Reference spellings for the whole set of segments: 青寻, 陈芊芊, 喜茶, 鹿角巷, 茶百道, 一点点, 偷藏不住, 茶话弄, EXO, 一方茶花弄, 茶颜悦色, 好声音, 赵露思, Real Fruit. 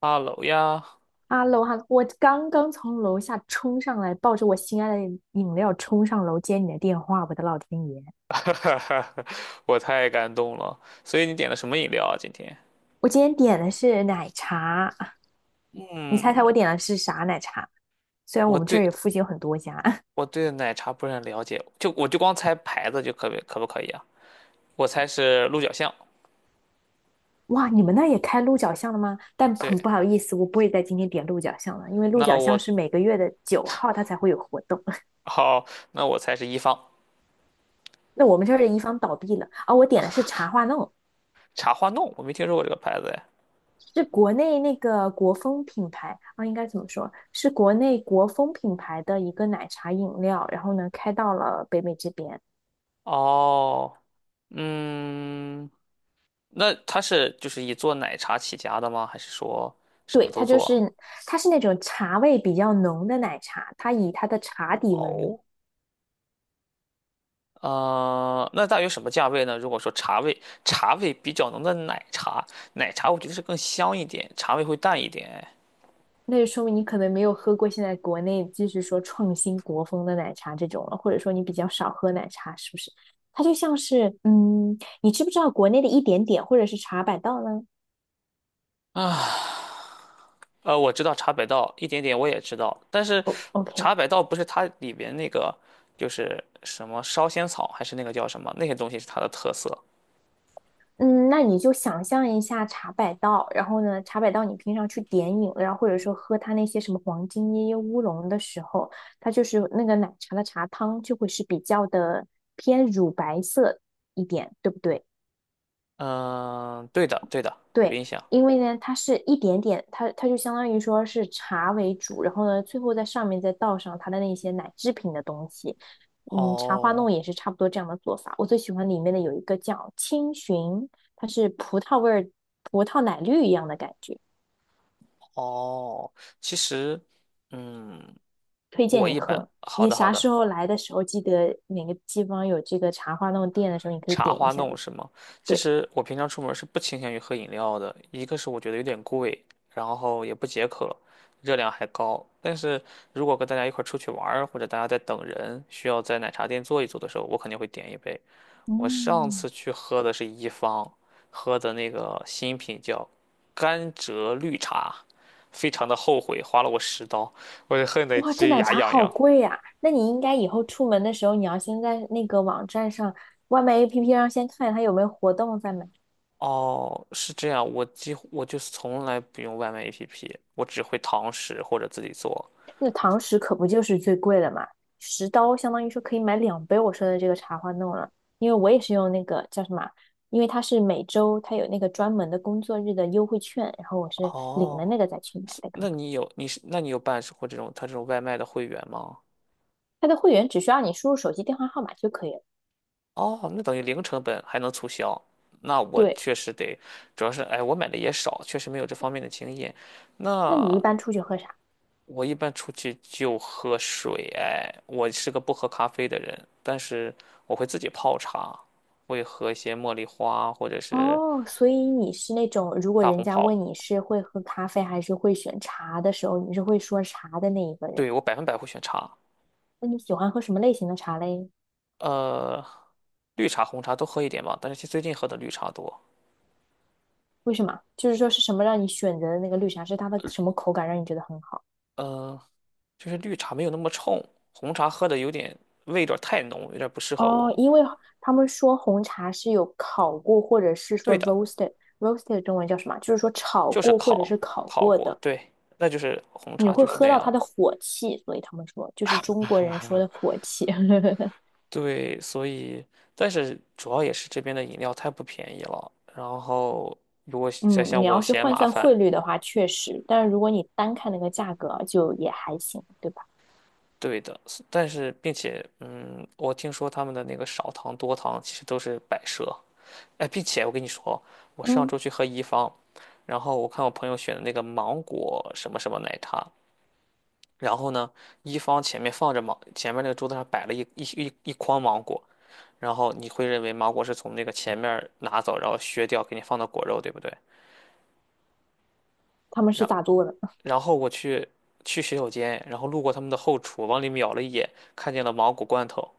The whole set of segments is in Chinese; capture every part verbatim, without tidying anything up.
哈喽呀，哈喽哈喽，我刚刚从楼下冲上来，抱着我心爱的饮料冲上楼接你的电话，我的老天爷！我太感动了。所以你点了什么饮料啊？今天？我今天点的是奶茶，你猜猜我嗯，点的是啥奶茶？虽然我我们这儿对也附近有很多家，我对奶茶不是很了解，就我就光猜牌子就可不可不可以啊？我猜是鹿角巷。哇，你们那儿也开鹿角巷了吗？但很对，不好意思，我不会在今天点鹿角巷了，因为鹿那角巷我是每个月的九号它才会有活动。好，那我猜是一方。 那我们这儿的一方倒闭了啊，我点的是茶话弄。茶花弄，我没听说过这个牌子哎。是国内那个国风品牌啊，应该怎么说？是国内国风品牌的一个奶茶饮料，然后呢开到了北美这边。哦，嗯，那它是就是以做奶茶起家的吗？还是说什么对，都它就做？是它是那种茶味比较浓的奶茶，它以它的茶底闻名。哦，呃，那大约什么价位呢？如果说茶味，茶味比较浓的奶茶，奶茶我觉得是更香一点，茶味会淡一点。那就说明你可能没有喝过现在国内就是说创新国风的奶茶这种了，或者说你比较少喝奶茶，是不是？它就像是，嗯，你知不知道国内的一点点或者是茶百道呢呃，我知道茶百道一点点我也知道，但是哦 OK，茶百道不是它里边那个就是什么烧仙草，还是那个叫什么那些东西是它的特色。嗯，那你就想象一下茶百道，然后呢，茶百道你平常去点饮料，或者说喝它那些什么黄金椰椰乌龙的时候，它就是那个奶茶的茶汤就会是比较的偏乳白色一点，对不对？嗯、对的，对的，有对，印象。因为呢，它是一点点，它它就相当于说是茶为主，然后呢，最后在上面再倒上它的那些奶制品的东西。嗯，茶花弄哦也是差不多这样的做法。我最喜欢里面的有一个叫青寻，它是葡萄味儿、葡萄奶绿一样的感觉，哦，其实，嗯，推荐我你一般，喝。好你的好啥时的。候来的时候，记得哪个地方有这个茶花弄店的时候，你可以茶点一花下弄的是吗？其对，实我平常出门是不倾向于喝饮料的，一个是我觉得有点贵，然后也不解渴，热量还高。但是如果跟大家一块儿出去玩儿或者大家在等人，需要在奶茶店坐一坐的时候，我肯定会点一杯。我上嗯。次去喝的是一方，喝的那个新品叫甘蔗绿茶，非常的后悔，花了我十刀，我就恨得哇，这直奶牙茶痒好痒。贵呀、那你应该以后出门的时候，你要先在那个网站上、外卖 A P P 上先看它有没有活动再买。哦，是这样，我几乎我就是从来不用外卖 A P P，我只会堂食或者自己做。那堂食可不就是最贵的嘛，十刀相当于说可以买两杯我说的这个茶花弄了。因为我也是用那个叫什么，因为它是每周它有那个专门的工作日的优惠券，然后我是领了哦，那个再去买是的刚那刚你有你是那你有办过这种他这种外卖的会员吗？它的会员只需要你输入手机电话号码就可以了。哦，那等于零成本还能促销，那我对，确实得，主要是哎我买的也少，确实没有这方面的经验。那你一那般出去喝啥？我一般出去就喝水，哎，我是个不喝咖啡的人，但是我会自己泡茶，会喝一些茉莉花或者是哦，所以你是那种，如果大红人家问袍。你是会喝咖啡还是会选茶的时候，你是会说茶的那一个人。对，我百分百会选茶，那你喜欢喝什么类型的茶嘞？呃，绿茶、红茶都喝一点吧，但是最近喝的绿茶多，为什么？就是说是什么让你选择的那个绿茶，是它的什么口感让你觉得很好？呃，就是绿茶没有那么冲，红茶喝的有点味道太浓，有点不适合哦，我。因为他们说红茶是有烤过，或者是说 对的，roasted，roasted 中文叫什么？就是说炒就是过或者烤是烤烤过过，的，对，那就是红你茶会就是喝那到样它的的。火气，所以他们说就是中国人说的火气。对，所以但是主要也是这边的饮料太不便宜了，然后如果再嗯，像你要我是嫌换麻算烦，汇率的话，确实，但是如果你单看那个价格，就也还行，对吧？对的，但是并且嗯，我听说他们的那个少糖多糖其实都是摆设。哎，并且我跟你说，我上嗯，周去喝一方，然后我看我朋友选的那个芒果什么什么奶茶，然后呢，一方前面放着芒，前面那个桌子上摆了一一一一筐芒果，然后你会认为芒果是从那个前面拿走，然后削掉给你放到果肉，对不对？他们是然咋做的？然后我去去洗手间，然后路过他们的后厨，往里瞄了一眼，看见了芒果罐头。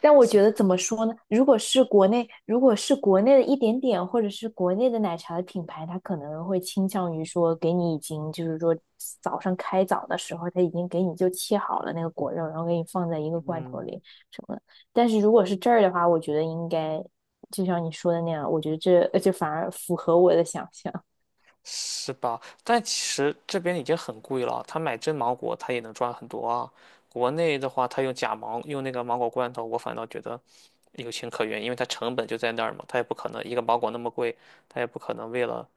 但我觉得怎么说呢？如果是国内，如果是国内的一点点，或者是国内的奶茶的品牌，它可能会倾向于说给你已经就是说早上开早的时候，它已经给你就切好了那个果肉，然后给你放在一个罐头嗯，里什么的。但是如果是这儿的话，我觉得应该就像你说的那样，我觉得这这反而符合我的想象。是吧？但其实这边已经很贵了，他买真芒果他也能赚很多啊。国内的话，他用假芒，用那个芒果罐头，我反倒觉得有情可原，因为它成本就在那儿嘛，他也不可能一个芒果那么贵，他也不可能为了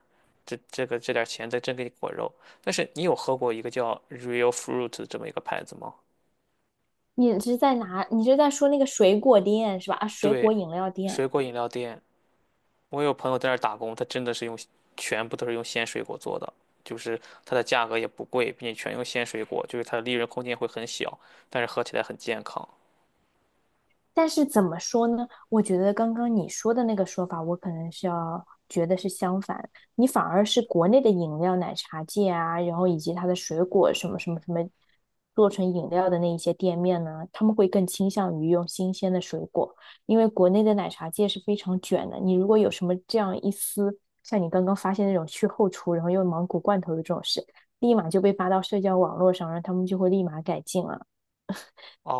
这这个这点儿钱再真给你果肉。但是你有喝过一个叫 Real Fruit 这么一个牌子吗？你是在哪？你是在说那个水果店是吧？啊，水果对，饮料店。水果饮料店，我有朋友在那儿打工，他真的是用全部都是用鲜水果做的，就是它的价格也不贵，并且全用鲜水果，就是它的利润空间会很小，但是喝起来很健康。但是怎么说呢？我觉得刚刚你说的那个说法，我可能是要觉得是相反。你反而是国内的饮料、奶茶界啊，然后以及它的水果什么什么什么做成饮料的那一些店面呢，他们会更倾向于用新鲜的水果，因为国内的奶茶界是非常卷的。你如果有什么这样一丝，像你刚刚发现那种去后厨，然后用芒果罐头的这种事，立马就被发到社交网络上，然后他们就会立马改进了。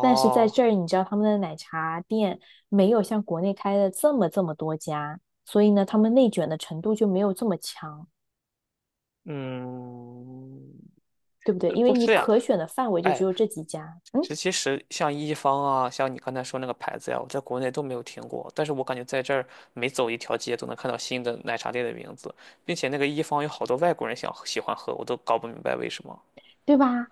但是在这儿，你知道他们的奶茶店没有像国内开的这么这么多家，所以呢，他们内卷的程度就没有这么强，嗯，对不对？呃因为不你是呀，可选的范围就哎，只有这几家，嗯，这其实像一方啊，像你刚才说那个牌子呀，我在国内都没有听过，但是我感觉在这儿每走一条街都能看到新的奶茶店的名字，并且那个一方有好多外国人想喜欢喝，我都搞不明白为什么。对吧？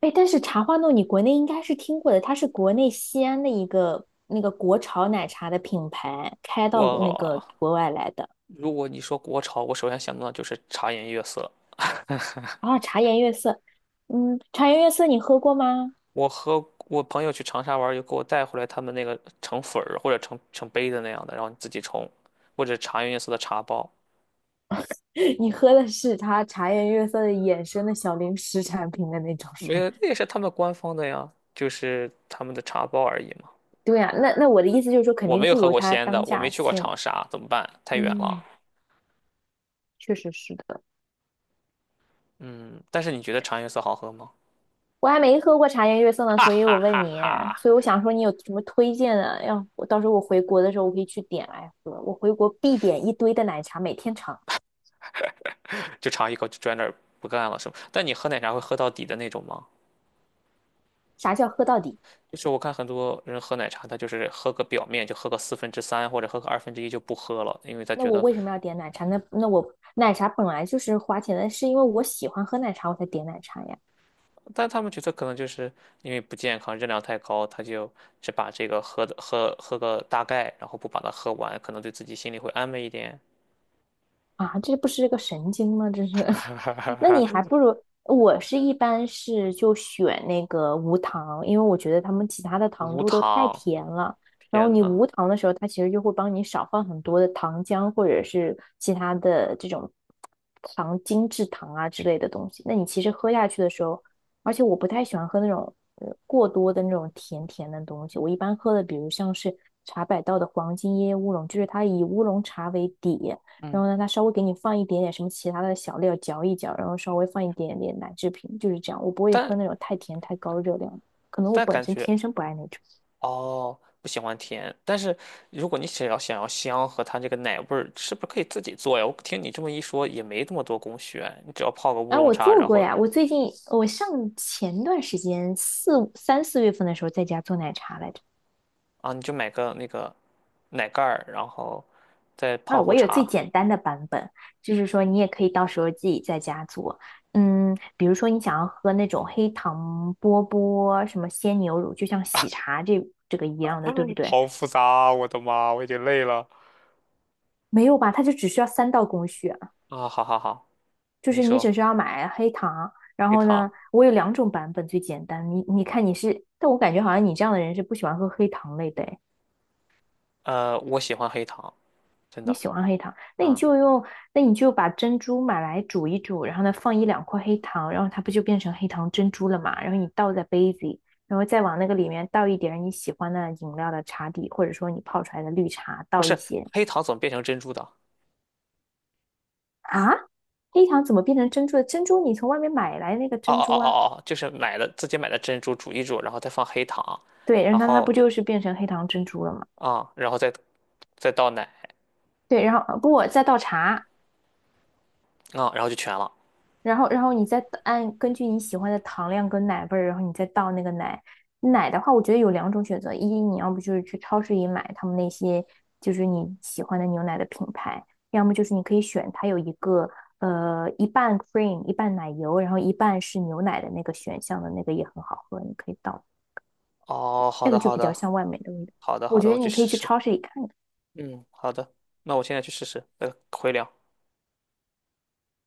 哎，但是茶花弄你国内应该是听过的，它是国内西安的一个那个国潮奶茶的品牌开到那个我国外来的。如果你说国潮，我首先想到的就是茶颜悦色。啊，茶颜悦色，嗯，茶颜悦色你喝过吗？我和我朋友去长沙玩儿，就给我带回来他们那个成粉儿或者成成杯的那样的，然后你自己冲，或者茶颜悦色的茶包，你喝的是它茶颜悦色的衍生的小零食产品的那种没是吗？有，那也是他们官方的呀，就是他们的茶包而已嘛。对呀、那那我的意思就是说，肯我定没有不喝如过他鲜的，当我没下去过鲜。长沙，怎么办？太远了。嗯，确实是的。嗯，但是你觉得茶颜悦色好喝吗？我还没喝过茶颜悦色呢，哈所以我哈问哈你，哈，所以我想说你有什么推荐的？要我到时候我回国的时候，我可以去点来喝。我回国必点一堆的奶茶，每天尝。就尝一口就转那儿不干了是吗？但你喝奶茶会喝到底的那种吗？啥叫喝到底？就是我看很多人喝奶茶，他就是喝个表面，就喝个四分之三或者喝个二分之一就不喝了，因为他那觉我得，为什么要点奶茶？那那我奶茶本来就是花钱的，是因为我喜欢喝奶茶我才点奶茶呀。但他们觉得可能就是因为不健康，热量太高，他就只把这个喝的喝喝个大概，然后不把它喝完，可能对自己心里会安慰一点。啊，这不是个神经吗？这是，那你还 不如我是一般是就选那个无糖，因为我觉得他们其他的糖无度都太糖，甜了。然后天你呐，无糖的时候，它其实就会帮你少放很多的糖浆或者是其他的这种糖精制糖啊之类的东西。那你其实喝下去的时候，而且我不太喜欢喝那种呃过多的那种甜甜的东西，我一般喝的比如像是茶百道的黄金椰乌龙，就是它以乌龙茶为底。然嗯，后呢，它稍微给你放一点点什么其他的小料嚼一嚼，然后稍微放一点点奶制品，就是这样。我不会但喝那种太甜太高热量的，可能我但本感身觉。天生不爱那种。哦，不喜欢甜，但是如果你想要想要香和它这个奶味儿，是不是可以自己做呀？我听你这么一说，也没那么多工序啊，你只要泡个乌哎，龙我茶，做然过后呀，我最近我上前段时间四三四月份的时候在家做奶茶来着。啊，你就买个那个奶盖儿，然后再啊，泡我壶有最茶。简单的版本，就是说你也可以到时候自己在家做。嗯，比如说你想要喝那种黑糖波波什么鲜牛乳，就像喜茶这这个一样的，哎对不对？好复杂啊我的妈，我已经累了。没有吧？它就只需要三道工序，啊，好好好，就你是你只说需要买黑糖，然黑后糖，呢，我有两种版本最简单。你你看你是，但我感觉好像你这样的人是不喜欢喝黑糖类的诶，呃，我喜欢黑糖，真你的，喜欢黑糖，那你嗯，就用，那你就把珍珠买来煮一煮，然后呢放一两块黑糖，然后它不就变成黑糖珍珠了嘛？然后你倒在杯子里，然后再往那个里面倒一点你喜欢的饮料的茶底，或者说你泡出来的绿茶不倒一是些黑糖怎么变成珍珠的？啊。黑糖怎么变成珍珠的？珍珠你从外面买来那个哦珍哦哦珠啊，哦哦，就是买的自己买的珍珠煮一煮，然后再放黑糖，对，然然后它它不后就是变成黑糖珍珠了吗？啊，然后再再倒奶对，然后呃不，再倒茶，啊，然后就全了。然后然后你再按根据你喜欢的糖量跟奶味儿，然后你再倒那个奶。奶的话，我觉得有两种选择，一你要不就是去超市里买他们那些就是你喜欢的牛奶的品牌，要么就是你可以选它有一个呃一半 cream 一半奶油，然后一半是牛奶的那个选项的那个也很好喝，你可以倒，哦，好那个的，就好比较的，像外面的味道。好的，我好觉的，得我去你可试以去试。超市里看看。嗯，好的，那我现在去试试，呃，回聊。